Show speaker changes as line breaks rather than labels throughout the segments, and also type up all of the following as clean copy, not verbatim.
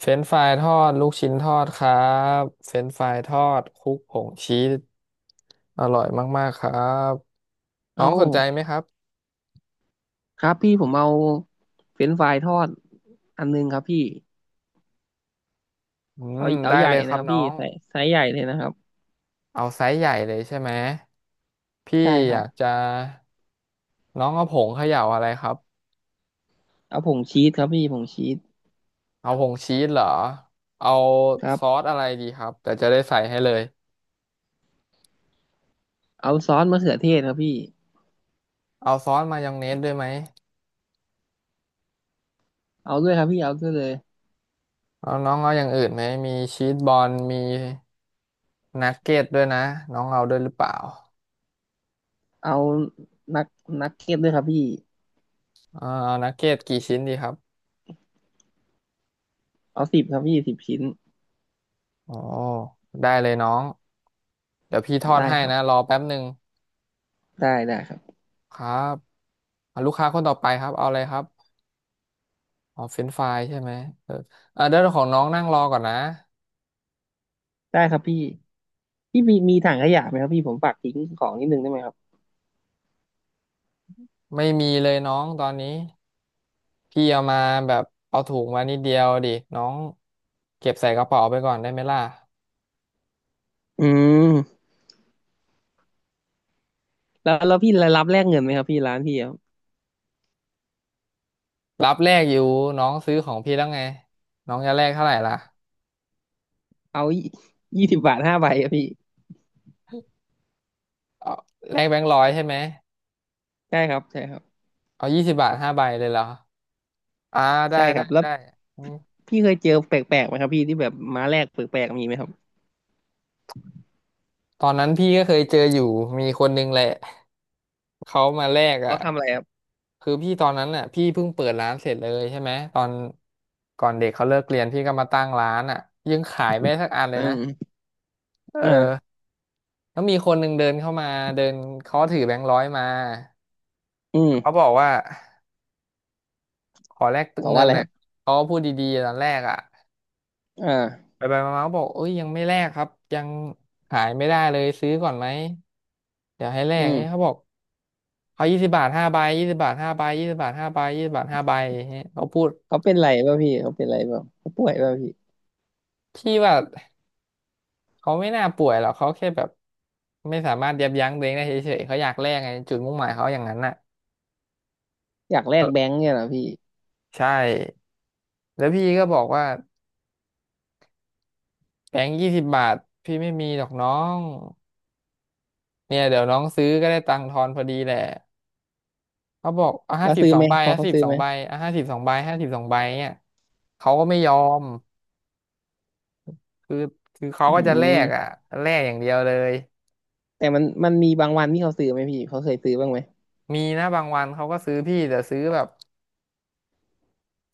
เฟรนช์ฟรายทอดลูกชิ้นทอดครับเฟรนช์ฟรายทอดคลุกผงชีสอร่อยมากๆครับ
เอ
น้องสนใจไหม
า
ครับ
ครับพี่ผมเอาเฟรนช์ฟรายทอดอันนึงครับพี่
อืม
เอา
ได้
ใหญ่
เลยค
นะ
รั
ค
บ
รับ
น้อ
พี่
ง
ไซส์ใหญ่เลยนะครับ
เอาไซส์ใหญ่เลยใช่ไหมพี่
ใช่ค
อ
รั
ยา
บ
กจะน้องเอาผงเขย่าอะไรครับ
เอาผงชีสครับพี่ผงชีส
เอาผงชีสเหรอเอา
ครั
ซอ
บ
สอะไรดีครับแต่จะได้ใส่ให้เลย
เอาซอสมะเขือเทศครับพี่
เอาซอสมายองเนสด้วยไหม
เอาด้วยครับพี่เอาด้วยเลย
เอาน้องเอาอย่างอื่นไหมมีชีสบอลมีนักเก็ตด้วยนะน้องเอาด้วยหรือเปล่า
เอานักนักเก็ตด้วยครับพี่
เอานักเก็ตกี่ชิ้นดีครับ
เอาสิบครับพี่10 ชิ้น
อ๋อได้เลยน้อง เดี๋ยวพี่ทอด
ได้
ให้
ครั
นะ
บ
รอแป๊บหนึ่ง
ได้ได้ครับ
ครับอ่ะลูกค้าคนต่อไปครับเอาอะไรครับอ๋อเฟรนช์ฟรายใช่ไหมเออเดี๋ยวของน้องนั่งรอก่อนนะ
ได้ครับพี่พี่มีถังขยะไหมครับพี่ผมฝากทิ้งของนิดนึงได้ไหมครับ
ไม่มีเลยน้องตอนนี้ พี่เอามาแบบเอาถุงมานิดเดียวดิน้องเก็บใส่กระเป๋าไปก่อนได้ไหมล่ะ
อืมแล้วพี่รับแลกเงินไหมครับพี่ร้านพี่อะ
รับแลกอยู่น้องซื้อของพี่แล้วไงน้องจะแลกเท่าไหร่ล่ะ
เอา20 บาท 5 ใบครับพี่
เอาแลกแบงค์ร้อยใช่ไหม
ใช่ครับใช่ครับ
เอายี่สิบบาทห้าใบเลยเหรออ่าได้
ใช่ค
ได้
รับแล้ว
ได้
พี่เคยเจอแปลกๆไหมครับพี่ที่แบบม้าแลกแปลกๆมีไหมครับ
ตอนนั้นพี่ก็เคยเจออยู่มีคนนึงแหละเขามาแลก
เขา
อ่ะ
ทำอะไรครับ
คือพี่ตอนนั้นอ่ะพี่เพิ่งเปิดร้านเสร็จเลยใช่ไหมตอนก่อนเด็กเขาเลิกเรียนพี่ก็มาตั้งร้านอ่ะยังขายไม่ได้สักอันเล
อื
ยนะ
ม
เออ
อ่า
แล้วมีคนหนึ่งเดินเข้ามาเดินเขาถือแบงค์ร้อยมา
อื
เขา
ม
บอกว่าขอแลก
ตอบ
เงิ
ว่า
น
อะไร
หน่
ค
อย
รับ
เขาก็พูดดีๆตอนแรกอ่ะ
อ่า
ไปไปมาๆก็บอกเอ้ยยังไม่แลกครับยังขายไม่ได้เลยซื้อก่อนไหมเดี๋ยวให้แล
อื
กเงี้ยเขา
ม
บอกเขายี่สิบบาทห้าใบยี่สิบบาทห้าใบยี่สิบบาทห้าใบยี่สิบบาทห้าใบอย่างเงี้ยเขาพูด
เขาเป็นไรป่ะพี่เขาเป็นไรป่ะเขาป่วยป่ะพี่
พี่ว่าเขาไม่น่าป่วยหรอกเขาแค่แบบไม่สามารถยับยั้งตัวเองได้เฉยๆเขาอยากแลกไงจุดมุ่งหมายเขาอย่างนั้นน่ะ
อยากแล
เอ
กแบง
อ
ค์เนี่ยเหรอพี่
ใช่แล้วพี่ก็บอกว่าแบงค์ยี่สิบบาทพี่ไม่มีหรอกน้องเนี่ยเดี๋ยวน้องซื้อก็ได้ตังค์ทอนพอดีแหละ เขาบอกเอา
แล้
ห้า
ว
สิบ
ซื้อ
สอ
ไห
ง
ม
ใบ
เขา
ห้า
เขา
สิบ
ซื้อ
สอ
ไหม
งใบเอาห้าสิบสองใบห้าสิบสองใบเนี่ยเขาก็ไม่ยอมคือคือเขา
อื
ก็จะแลกอ่ะ
ม
แลกอย่างเดียวเลย
แต่มันมีบางวันที่เขาซื้อไหมพี่เขาเคยซื้อบ้างไหม
มีนะบางวันเขาก็ซื้อพี่แต่ซื้อแบบ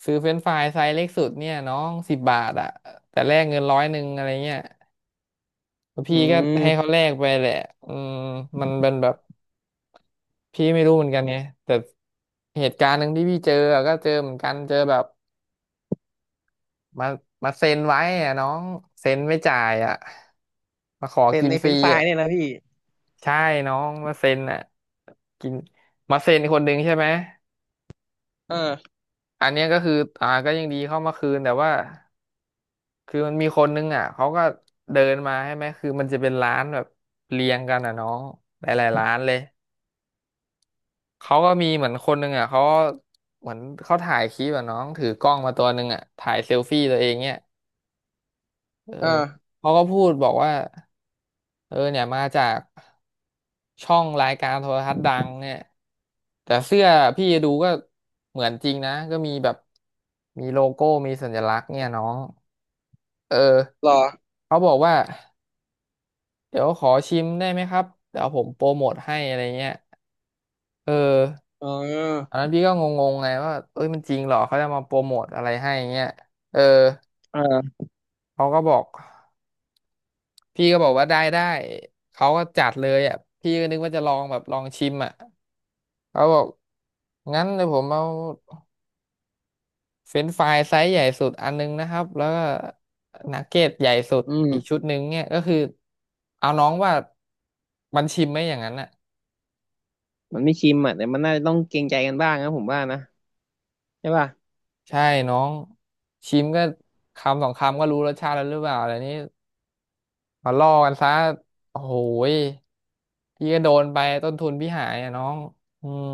ซื้อเฟรนช์ฟรายไซส์เล็กสุดเนี่ยน้องสิบบาทอ่ะแต่แลกเงินร้อยหนึ่งอะไรเงี้ยแล้ว
อื
พี่ก็ให้
ม
เขาแลกไปแหละอืมมันเป็นแบบพี่ไม่รู้เหมือนกันไงแต่เหตุการณ์หนึ่งที่พี่เจออะก็เจอเหมือนกันเจอแบบมามาเซ็นไว้อ่ะน้องเซ็นไม่จ่ายอ่ะมาขอ
เป็น
กิน
ใน
ฟ
เฟร
รี
นช์ฟราย
อ่ะ
เนี่ยนะพี่
ใช่น้อง มาเซ็นอ่ะกินมาเซ็นคนหนึ่งใช่ไหม
เออ
อันเนี้ยก็คือก็ยังดีเข้ามาคืนแต่ว่าคือมันมีคนนึงอ่ะเขาก็เดินมาใช่ไหมคือมันจะเป็นร้านแบบเรียงกันอ่ะน้องหลายๆร้านเลยเขาก็มีเหมือนคนหนึงอ่ะเขาเหมือนเขาถ่ายคลิปอ่ะน้องถือกล้องมาตัวหนึงอ่ะถ่ายเซลฟี่ตัวเองเนี่ยเอ
เออ
อเขาก็พูดบอกว่า เออเนี่ยมาจากช่องรายการโทรทัศน์ดังเนี่ยแต่เสื้อพี่ดูก็เหมือนจริงนะก็มีแบบมีโลโก้มีสัญลักษณ์เนี่ยน้องเออ
หรอ
เขาบอกว่าเดี๋ยวขอชิมได้ไหมครับเดี๋ยวผมโปรโมทให้อะไรเงี้ยเออ
เ
ต
ออ
อนนั้นพี่ก็งงๆไงว่าเอ้ยมันจริงเหรอเขาจะมาโปรโมทอะไรให้เงี้ยเออ
เออ
เขาก็บอกพี่ก็บอกว่าได้ได้เขาก็จัดเลยอ่ะพี่ก็นึกว่าจะลองแบบลองชิมอ่ะ เขาบอกงั้นเดี๋ยวผมเอาเฟรนช์ฟรายไซส์ใหญ่สุดอันนึงนะครับแล้วก็นักเก็ตใหญ่สุด
อื
อีก
ม
ชุดหนึ่งเนี่ยก็คือเอาน้องว่ามันชิมไหมอย่างนั้นน่ะ
มันไม่ชิมอ่ะแต่มันน่าจะต้องเกรงใจกันบ้างนะผมว่านะใช่ป่ะ
ใช่น้องชิมก็คำสองคำก็รู้รสชาติแล้วหรือเปล่าอะไรนี้มาล่อกันซะโอ้โหยพี่ก็โดนไปต้นทุนพี่หายอ่ะน้องอืม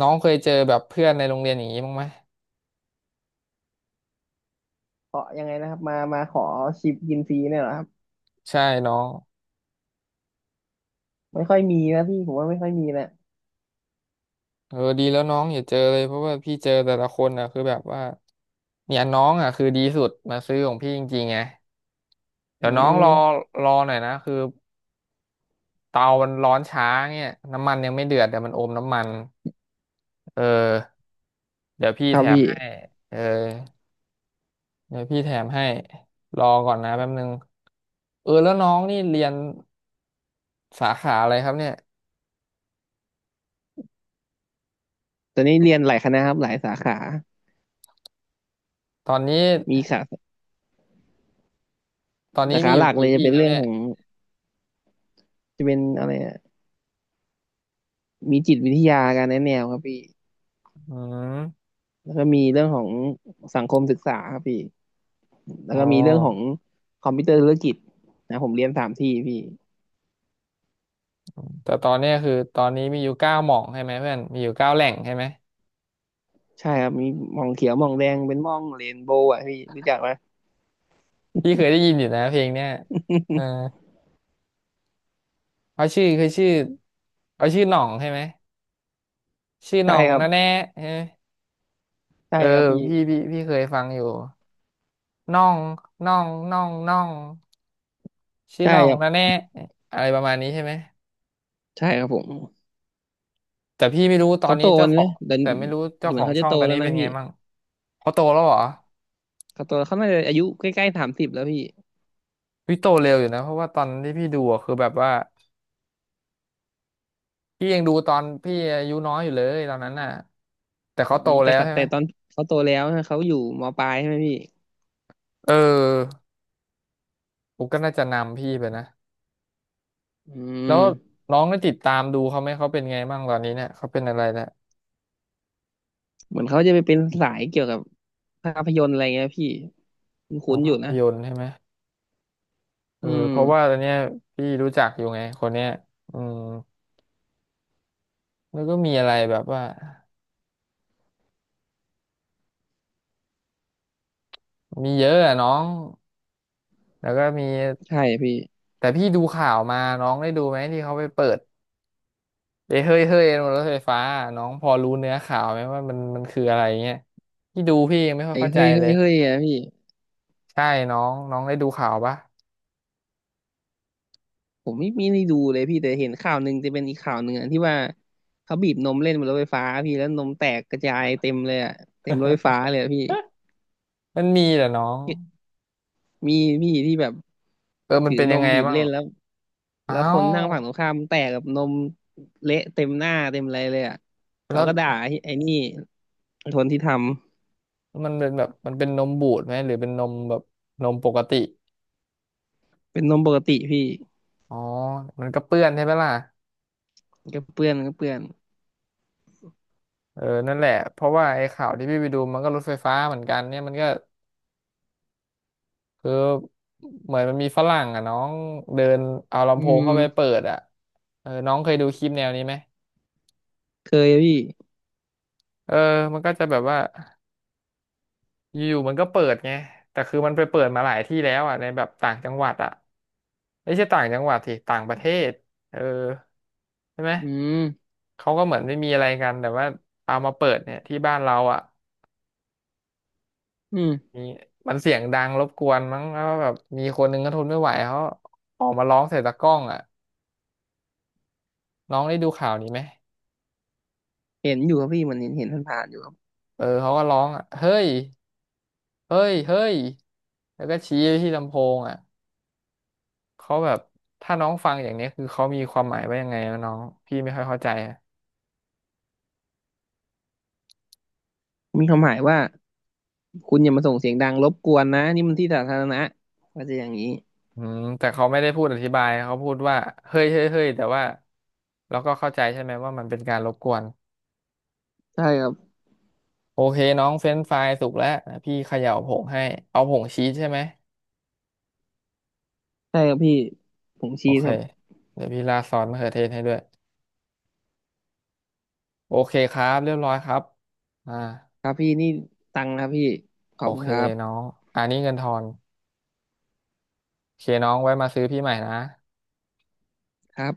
น้องเคยเจอแบบเพื่อนในโรงเรียนอย่างนี้บ้างไหม
ขอยังไงนะครับมาขอชิปกินฟรีเนี่ยเหรอครับ
ใช่น้อง
ไม่ค่อยมีนะพี่ผมว่าไม่ค่อยมีนะ
เออดีแล้วน้องอย่าเจอเลยเพราะว่าพี่เจอแต่ละคนอ่ะคือแบบว่าเนี่ยน้องอ่ะคือดีสุดมาซื้อของพี่จริงๆไง
อื
เดี๋ยวน้องรอ
ม
รอหน่อยนะคือเตามันร้อนช้าเนี่ยน้ำมันยังไม่เดือดแต่มันอมน้ำมันเออเดี๋ยวพี่
ครั
แถ
บ
ม
พี่
ให้เออเดี๋ยวพี่แถมให้รอก่อนนะแป๊บนึงเออแล้วน้องนี่เรียนสาขาอะไรครับเนี่ย
ตอนนี้เรียนหลายคณะครับหลายสาขา
ตอนนี้
มีขา
ตอน
สา
นี้
ขา
มีอ
ห
ยู่
ลักเล
กี่
ยจะ
ที่
เป็น
ครับ
เรื่อง
เนี่
ข
ย
องจะเป็นอะไรอะมีจิตวิทยาการแนะแนวครับพี่
อืม
แล้วก็มีเรื่องของสังคมศึกษาครับพี่แล้ว
อ๋อ
ก็มีเรื่องของคอมพิวเตอร์ธุรกิจนะผมเรียน3 ที่พี่
แต่ตอนเนี้ยคือตอนนี้มีอยู่เก้าหม่องใช่ไหมเพื่อนมีอยู่เก้าแหล่งใช่ไหม
ใช่ครับมีมองเขียวมองแดงเป็นมองเรนโบว์อ่ะพี่รู้จักไหม
พี่เคยได้ยินอยู่นะเพลงเนี้ยเออเขาชื่อคือชื่อเขาชื่อหน่องใช่ไหมชื่อห
ใช่
น่อง
ครับ
นะแน่ใช่ไหม
ใช่
เออ
ครับพี่
พี่เคยฟังอยู่น่องน่องน่องน่องชื่อ
ใช่
น่อง
ครับ
นะแน่อะไรประมาณนี้ใช่ไหม
ใช่ครับผม
แต่พี่ไม่รู้ตอ
เขา
น
โต
นี้เจ้าขอ
นะ
ง
แต่
แต่ไม่รู้เจ้า
เห
ข
มือ
อ
น
ง
เขาจะ
ช่อง
โต
ตอน
แล้ว
นี้
นะ
เป็นไง
พี่
มั่งเขาโตแล้วเหรอ
เขาโตแล้วเขาน่าจะอายุใกล้ๆ30แล้วพี่
พี่โตเร็วอยู่นะเพราะว่าตอนที่พี่ดูอะคือแบบว่าพี่ยังดูตอนพี่อายุน้อยอยู่เลยตอนนั้นน่ะ แต่
อื
เขาโต
มแต่
แล้ว
ก
ใช่ไห
แต่
ม
ตอนเขาโตแล้วนะเขาอยู่มปลายใช่ไหมพี่
เออปุ๊กก็น่าจะนำพี่ไปนะ
อื
แล้ว
ม
น้องได้ติดตามดูเขาไหมเขาเป็นไงบ้างตอนนี้เนี่ยเขาเป็นอะไรแล้ว
เหมือนเขาจะไปเป็นสายเกี่ยวกับภาพยนตร์อะไรเงี้ยพี่ค
อ๋อ
ุ้นๆอยู่
ภาพ
นะ
ยนตร์ใช่ไหมเอ
อื
อ
ม
เพราะว่าตอนเนี้ยพี่รู้จักอยู่ไงคนเนี้ยอืมแล้วก็มีอะไรแบบว่ามีเยอะอะน้องแล้วก็มี
ใช่พี่
แต่พี่ดูข่าวมาน้องได้ดูไหมที่เขาไปเปิดเอ้ยเฮ้ยเฮ้ยบนรถไฟฟ้าน้องพอรู้เนื้อข่าวไหมว่ามันคืออะไรเงี้ยพี่ดูพี่ยังไม่ค่อย
ไอ้
เข้าใจ
เฮ้ยเฮ้
เล
ย
ย
เฮ้ยอะพี่
ใช่น้องน้องได้ดูข่าวปะ
ผมไม่ได้ดูเลยพี่แต่เห็นข่าวหนึ่งจะเป็นอีกข่าวหนึ่งอะที่ว่าเขาบีบนมเล่นบนรถไฟฟ้าพี่แล้วนมแตกกระจายเต็มเลยอะเต็มรถไฟฟ้าเลยอะพี่
มันมีแหละน้อง
มีพี่ที่แบบ
เออมั
ถื
น
อ
เป็น
น
ยัง
ม
ไง
บีบ
บ้าง
เล่นแล้ว
อ้า
แล้วคน
ว
นั่งฝั่งตรงข้ามแตกกับนมเละเต็มหน้าเต็มอะไรเลยอ่ะเขา
แล้ว
ก็ด่าไอ้นี่คนที่ทำ
มันเป็นแบบมันเป็นนมบูดไหมหรือเป็นนมแบบนมปกติ
เป็นนมปกติพี่
อ๋อมันก็เปื้อนใช่ไหมล่ะ
ก็เปื้อนก็เปื้อน
เออนั่นแหละเพราะว่าไอ้ข่าวที่พี่ไปดูมันก็รถไฟฟ้าเหมือนกันเนี่ยมันก็คือเหมือนมันมีฝรั่งอ่ะน้องเดินเอาลำ
อื
โพงเข้าไปเปิ
ม
ดอ่ะเออน้องเคยดูคลิปแนวนี้ไหม
เคยพี่
เออมันก็จะแบบว่าอยู่ๆมันก็เปิดไงแต่คือมันไปเปิดมาหลายที่แล้วอ่ะในแบบต่างจังหวัดอ่ะ ไม่ใช่ต่างจังหวัดสิต่างประเทศเออใช่ไหม
อืม
เขาก็เหมือนไม่มีอะไรกันแต่ว่าเอามาเปิดเนี่ยที่บ้านเราอ่ะ
อืม
มีมันเสียงดังรบกวนมั้งแล้วแบบมีคนหนึงก็ทนไม่ไหวเขาออกมาร้องใส่ตะกร้องอ่ะน้องได้ดูข่าวนี้ไหม
เห็นอยู่ครับพี่มันเห็นผ่านๆอยู่ครับ
เออเขาก็ร้องอ่ะเฮ้ยเฮ้ยเฮ้ยแล้วก็ชี้ไปที่ลำโพงอ่ะเขาแบบถ้าน้องฟังอย่างเนี้ยคือเขามีความหมายว่ายังไงวะน้องพี่ไม่ค่อยเข้าใจ
มีคำหมายว่าคุณอย่ามาส่งเสียงดังรบกวนนะนี่มันที่สาธารณะก็จะอย่างนี้
อืมแต่เขาไม่ได้พูดอธิบายเขาพูดว่าเฮ้ยเฮ้ยเฮ้ยแต่ว่าเราก็เข้าใจใช่ไหมว่ามันเป็นการรบกวน
ใช่ครับ
โอเคน้องเฟรนช์ฟรายสุกแล้วนะพี่เขย่าผงให้เอาผงชีสใช่ไหม
ใช่ครับพี่ผม
โอ
ชี้
เค
ครับ
เดี๋ยวพี่ราดซอสมะเขือเทศให้ด้วยโอเคครับเรียบร้อยครับอ่า
ครับพี่นี่ตังค์ครับพี่ขอ
โอ
บคุณ
เค
ครับ
น้องอันนี้เงินทอนโอเคน้องไว้มาซื้อพี่ใหม่นะ
ครับ